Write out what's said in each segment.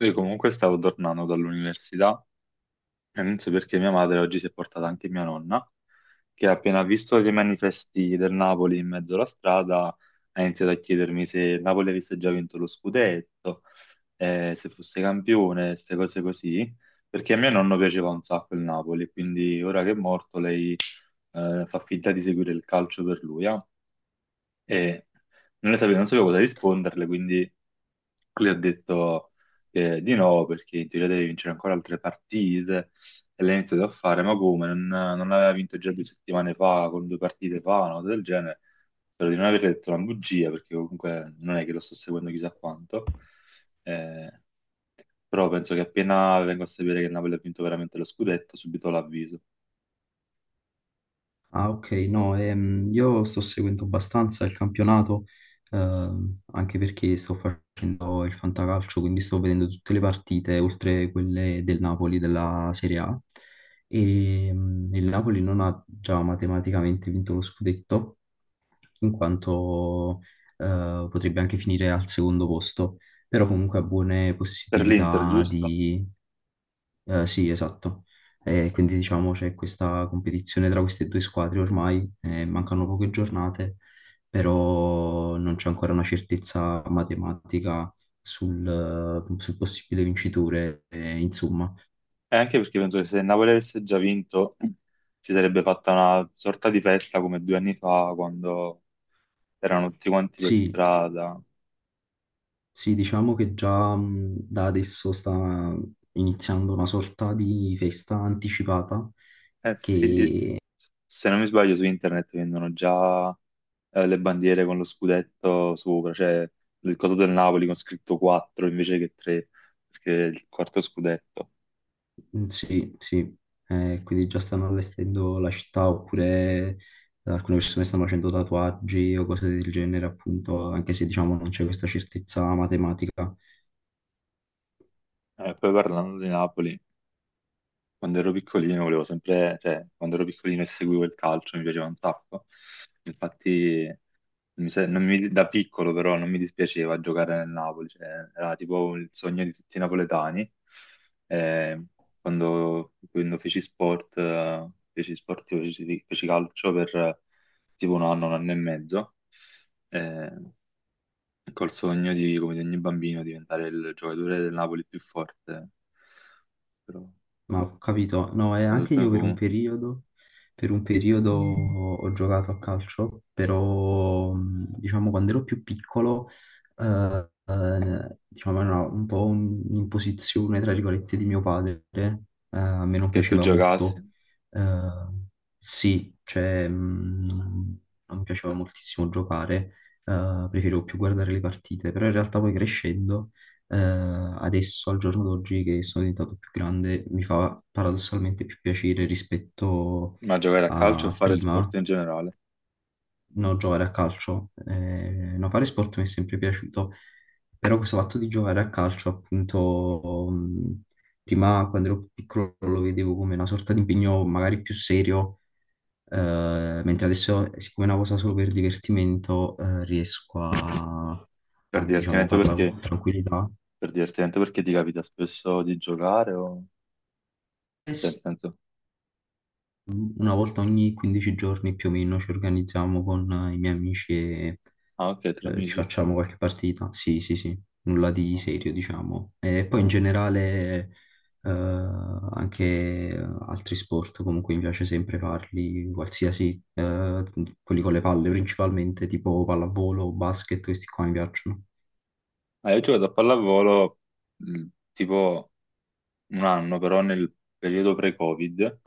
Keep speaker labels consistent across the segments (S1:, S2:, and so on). S1: Io comunque stavo tornando dall'università e non so perché mia madre oggi si è portata anche mia nonna, che appena visto dei manifesti del Napoli in mezzo alla strada ha iniziato a chiedermi se il Napoli avesse già vinto lo scudetto, se fosse campione, queste cose così, perché a mio nonno piaceva un sacco il Napoli, quindi ora che è morto lei fa finta di seguire il calcio per lui, ah. E non sapevo cosa risponderle, quindi. Lui ha detto che di no, perché in teoria deve vincere ancora altre partite, e l'ha iniziato a fare, ma come? Non aveva vinto già 2 settimane fa, con due partite fa, una cosa del genere. Spero di non aver detto una bugia, perché comunque non è che lo sto seguendo chissà quanto. Eh, però penso che appena vengo a sapere che il Napoli ha vinto veramente lo scudetto, subito l'avviso.
S2: Ah, ok, no, io sto seguendo abbastanza il campionato, anche perché sto facendo il fantacalcio, quindi sto vedendo tutte le partite, oltre quelle del Napoli, della Serie A. E, il Napoli non ha già matematicamente vinto lo scudetto, in quanto, potrebbe anche finire al secondo posto, però comunque ha buone
S1: Per l'Inter,
S2: possibilità
S1: giusto?
S2: sì, esatto. Quindi diciamo c'è questa competizione tra queste due squadre ormai, mancano poche giornate, però non c'è ancora una certezza matematica sul, sul possibile vincitore. Insomma,
S1: E anche perché penso che se il Napoli avesse già vinto, si sarebbe fatta una sorta di festa come 2 anni fa, quando erano tutti quanti per
S2: sì,
S1: strada.
S2: sì, diciamo che già da adesso sta iniziando una sorta di festa anticipata
S1: Eh sì,
S2: che.
S1: se non mi sbaglio su internet vendono già le bandiere con lo scudetto sopra, cioè il coso del Napoli con scritto 4 invece che 3, perché è il quarto scudetto.
S2: Sì, sì. Quindi già stanno allestendo la città oppure alcune persone stanno facendo tatuaggi o cose del genere, appunto, anche se diciamo non c'è questa certezza matematica.
S1: Poi parlando di Napoli, quando ero piccolino volevo sempre, cioè quando ero piccolino e seguivo il calcio mi piaceva un sacco. Infatti Mi se- non mi- da piccolo però non mi dispiaceva giocare nel Napoli, cioè, era tipo il sogno di tutti i napoletani. Eh, quando feci sport, io feci calcio per tipo un anno e mezzo, eh, col sogno di, come di ogni bambino, diventare il giocatore del Napoli più forte. Però
S2: Ma ho capito, no, e
S1: da
S2: anche
S1: tutto ne
S2: io
S1: fu
S2: per un periodo ho giocato a calcio, però diciamo quando ero più piccolo, diciamo era un po' un'imposizione, tra virgolette, di mio padre, a me non
S1: che tu
S2: piaceva
S1: giocassi,
S2: molto. Eh, sì, cioè non mi piaceva moltissimo giocare, preferivo più guardare le partite, però in realtà poi crescendo, eh, adesso, al giorno d'oggi, che sono diventato più grande, mi fa paradossalmente più piacere rispetto
S1: ma giocare a calcio o
S2: a
S1: fare
S2: prima,
S1: sport in generale,
S2: no, giocare a calcio. No, fare sport mi è sempre piaciuto, però questo fatto di giocare a calcio, appunto, prima quando ero più piccolo lo vedevo come una sorta di impegno magari più serio. Mentre adesso, siccome è una cosa solo per divertimento, a,
S1: per
S2: diciamo,
S1: divertimento
S2: farla
S1: perché.
S2: con tranquillità.
S1: Per divertente, perché ti capita spesso di giocare o. Cioè, nel senso.
S2: Una volta ogni 15 giorni più o meno ci organizziamo con i miei amici e
S1: Ah, ok, tra
S2: ci
S1: amici.
S2: facciamo qualche partita. Sì, sì, sì, nulla di
S1: No,
S2: serio, diciamo. E poi in
S1: no.
S2: generale, anche eh, altri sport, comunque mi piace sempre farli, qualsiasi, quelli con le palle principalmente, tipo pallavolo, basket, questi qua mi piacciono.
S1: Ah, io ho giocato a pallavolo mh, tipo un anno, però nel periodo pre-Covid,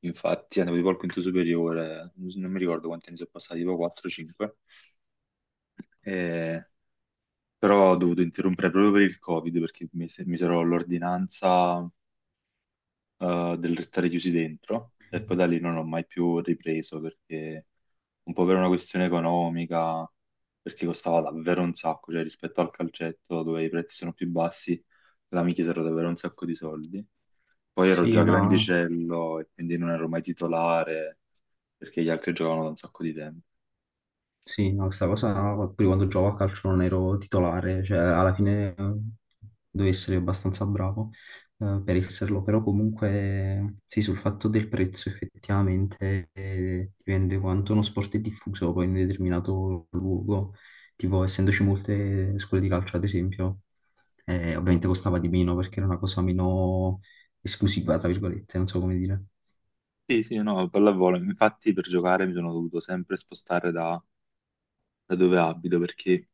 S1: infatti andavo tipo al quinto superiore, non mi ricordo quanti anni sono passati, tipo 4-5, però ho dovuto interrompere proprio per il Covid, perché mi misero l'ordinanza del restare chiusi dentro e poi da lì non ho mai più ripreso perché un po' per una questione economica, perché costava davvero un sacco, cioè rispetto al calcetto dove i prezzi sono più bassi, là mi chiesero davvero un sacco di soldi. Poi ero
S2: Sì,
S1: già
S2: ma
S1: grandicello e quindi non ero mai titolare perché gli altri giocavano da un sacco di tempo.
S2: sì, no, questa cosa pure quando gioco a calcio non ero titolare, cioè alla fine devo essere abbastanza bravo per esserlo, però comunque sì, sul fatto del prezzo effettivamente dipende quanto uno sport è diffuso poi in un determinato luogo, tipo essendoci molte scuole di calcio ad esempio, ovviamente costava di meno perché era una cosa meno esclusiva, tra virgolette, non so come dire.
S1: Sì, sì, no, pallavolo. Infatti per giocare mi sono dovuto sempre spostare da dove abito perché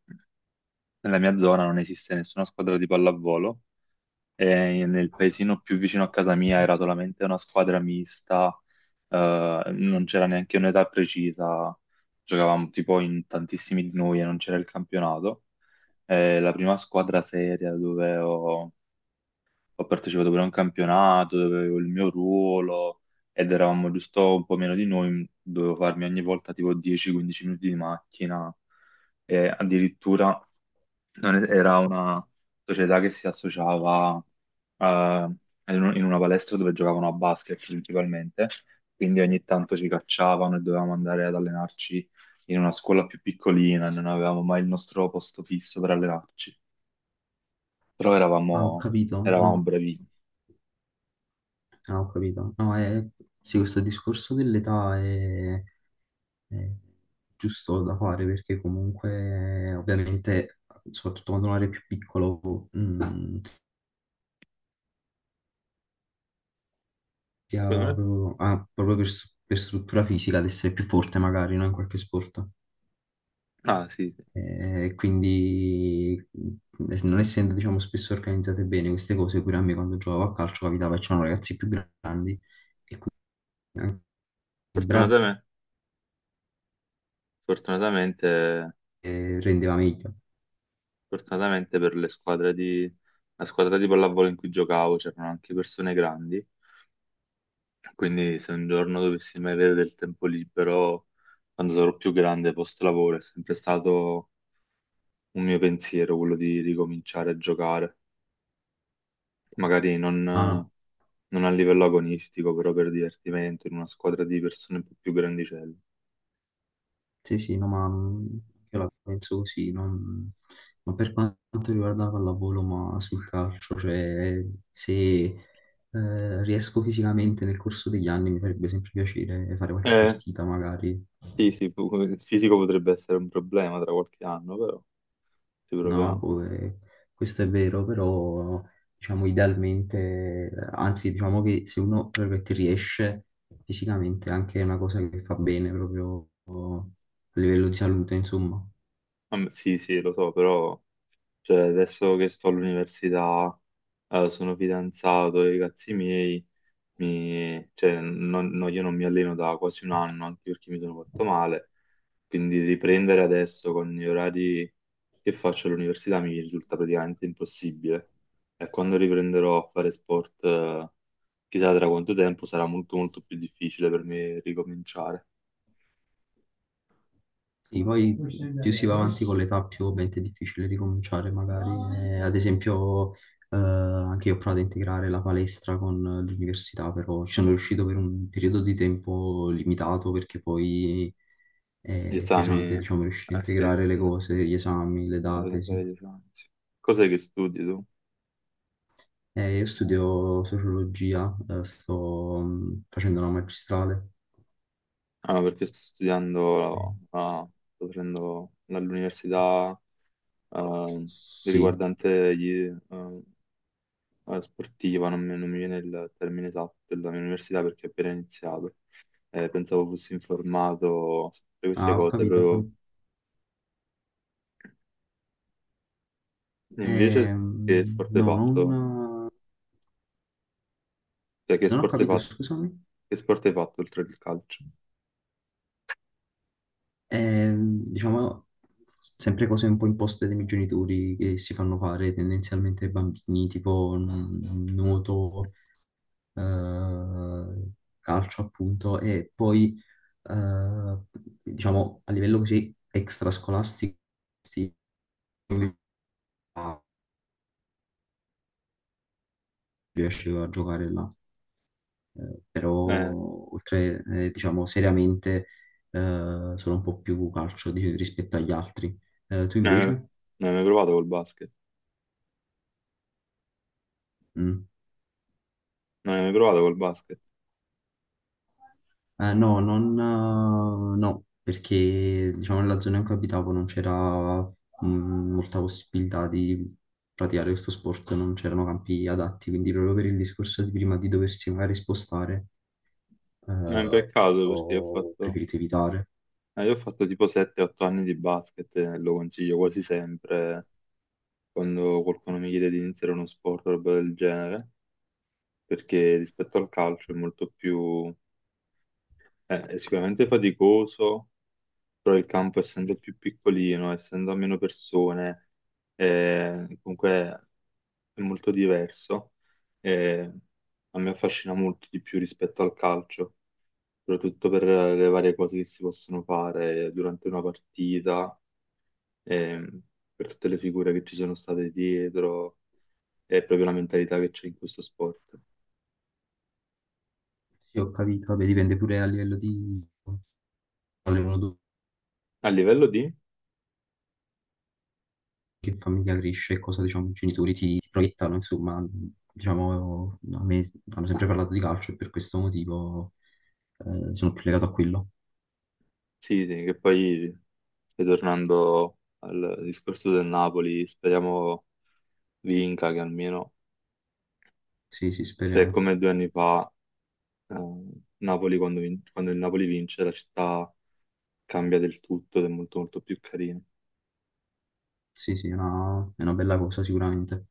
S1: nella mia zona non esiste nessuna squadra di pallavolo. E nel paesino più vicino a casa mia era solamente una squadra mista, non c'era neanche un'età precisa, giocavamo tipo in tantissimi di noi e non c'era il campionato. La prima squadra seria dove ho partecipato pure a un campionato, dove avevo il mio ruolo ed eravamo giusto un po' meno di noi, dovevo farmi ogni volta tipo 10-15 minuti di macchina e addirittura non es- era una società che si associava eh, in una palestra dove giocavano a basket principalmente, quindi ogni tanto ci cacciavano e dovevamo andare ad allenarci in una scuola più piccolina, non avevamo mai il nostro posto fisso per allenarci, però
S2: Ah, ho
S1: eravamo,
S2: capito, no.
S1: eravamo bravini.
S2: Ah, ho capito. No, è, sì, questo discorso dell'età è giusto da fare perché comunque, ovviamente, soprattutto quando uno è più piccolo, si
S1: Secondo me-
S2: ha proprio per, per struttura fisica ad essere più forte magari, no, in qualche sport.
S1: Ah sì, sì.
S2: E quindi, non essendo, diciamo, spesso organizzate bene queste cose, pure a me quando giocavo a calcio capitava che c'erano ragazzi più grandi e quindi anche il bravo
S1: Fortunatamente, fortunatamente,
S2: rendeva meglio.
S1: fortunatamente per la squadra di pallavolo in cui giocavo c'erano anche persone grandi. Quindi se un giorno dovessi mai avere del tempo libero, quando sarò più grande post lavoro, è sempre stato un mio pensiero quello di ricominciare a giocare. Magari non,
S2: Ah, no,
S1: non a livello agonistico, però per divertimento, in una squadra di persone un po' più grandicelle.
S2: sì, sì, no, ma io la penso così, ma per quanto riguarda la pallavolo, ma sul calcio, cioè se riesco fisicamente nel corso degli anni mi farebbe sempre piacere fare qualche
S1: Eh
S2: partita magari,
S1: sì, sì, il fisico potrebbe essere un problema tra qualche anno, però ci
S2: no?
S1: proviamo.
S2: Boh, questo è vero, però diciamo idealmente, anzi diciamo che se uno tra virgolette, riesce fisicamente anche è una cosa che fa bene proprio a livello di salute, insomma.
S1: Ah, beh, sì, sì, lo so, però cioè, adesso che sto all'università, sono fidanzato, i ragazzi miei cioè, no, io non mi alleno da quasi un anno, anche perché mi sono fatto male, quindi riprendere adesso con gli orari che faccio all'università mi risulta praticamente impossibile. E quando riprenderò a fare sport, chissà tra quanto tempo, sarà molto molto più difficile per me ricominciare.
S2: Sì, poi più si va avanti con l'età, più ovviamente è difficile ricominciare, magari. Ad esempio, anche io ho provato a integrare la palestra con l'università, però ci sono riuscito per un periodo di tempo limitato perché poi
S1: Gli
S2: è
S1: esami,
S2: pesante, diciamo, riuscire a
S1: eh sì,
S2: integrare le
S1: bisogna
S2: cose, gli esami, le
S1: bisogna
S2: date, sì.
S1: fare gli esami. Sì. Cos'è che studi tu?
S2: Io studio sociologia, sto facendo una magistrale.
S1: Ah, perché sto
S2: Eh,
S1: studiando, ah, sto facendo dall'università ehm,
S2: sì,
S1: riguardante ehm, la sportiva, non mi viene il termine esatto della mia università perché ho appena iniziato. Pensavo fossi informato su tutte queste
S2: ah, ho
S1: cose,
S2: capito, ho
S1: proprio
S2: capito.
S1: invece che sport hai
S2: No,
S1: fatto?
S2: non...
S1: Cioè,
S2: Non ho capito, scusami.
S1: che sport hai fatto oltre il calcio?
S2: Diciamo, sempre cose un po' imposte dai miei genitori che si fanno fare tendenzialmente ai bambini, tipo nuoto, eh, calcio appunto, e poi, eh, diciamo, a livello così extrascolastico, sì, riesce a giocare là. Però
S1: Eh, eh,
S2: oltre, diciamo, seriamente, sono un po' più calcio rispetto agli altri. Tu
S1: non
S2: invece?
S1: hai mai provato col basket?
S2: Mm.
S1: Non hai mai provato col basket?
S2: No, non, no, perché diciamo nella zona in cui abitavo non c'era molta possibilità di praticare questo sport, non c'erano campi adatti, quindi proprio per il discorso di prima di doversi magari spostare,
S1: È un
S2: eh,
S1: peccato perché
S2: ho preferito evitare.
S1: io ho fatto tipo 7-8 anni di basket e lo consiglio quasi sempre quando qualcuno mi chiede di iniziare uno sport o roba del genere, perché rispetto al calcio è sicuramente faticoso, però il campo essendo più piccolino, essendo a meno persone, comunque è molto diverso. eh, a me affascina molto di più rispetto al calcio, soprattutto per le varie cose che si possono fare durante una partita, ehm, per tutte le figure che ci sono state dietro. È proprio la mentalità che c'è in questo sport.
S2: Sì, ho capito, vabbè, dipende pure a livello di quale
S1: A livello di.
S2: che famiglia cresce e cosa diciamo i genitori ti proiettano, insomma, diciamo, a me hanno sempre parlato di calcio e per questo motivo sono più legato a quello.
S1: Sì, sì, che poi, ritornando al discorso del Napoli, speriamo vinca, che almeno
S2: Sì, sì,
S1: se è
S2: speriamo.
S1: come 2 anni fa, eh, quando il Napoli vince, la città cambia del tutto ed è molto molto più carina.
S2: Sì, sì, è una bella cosa sicuramente.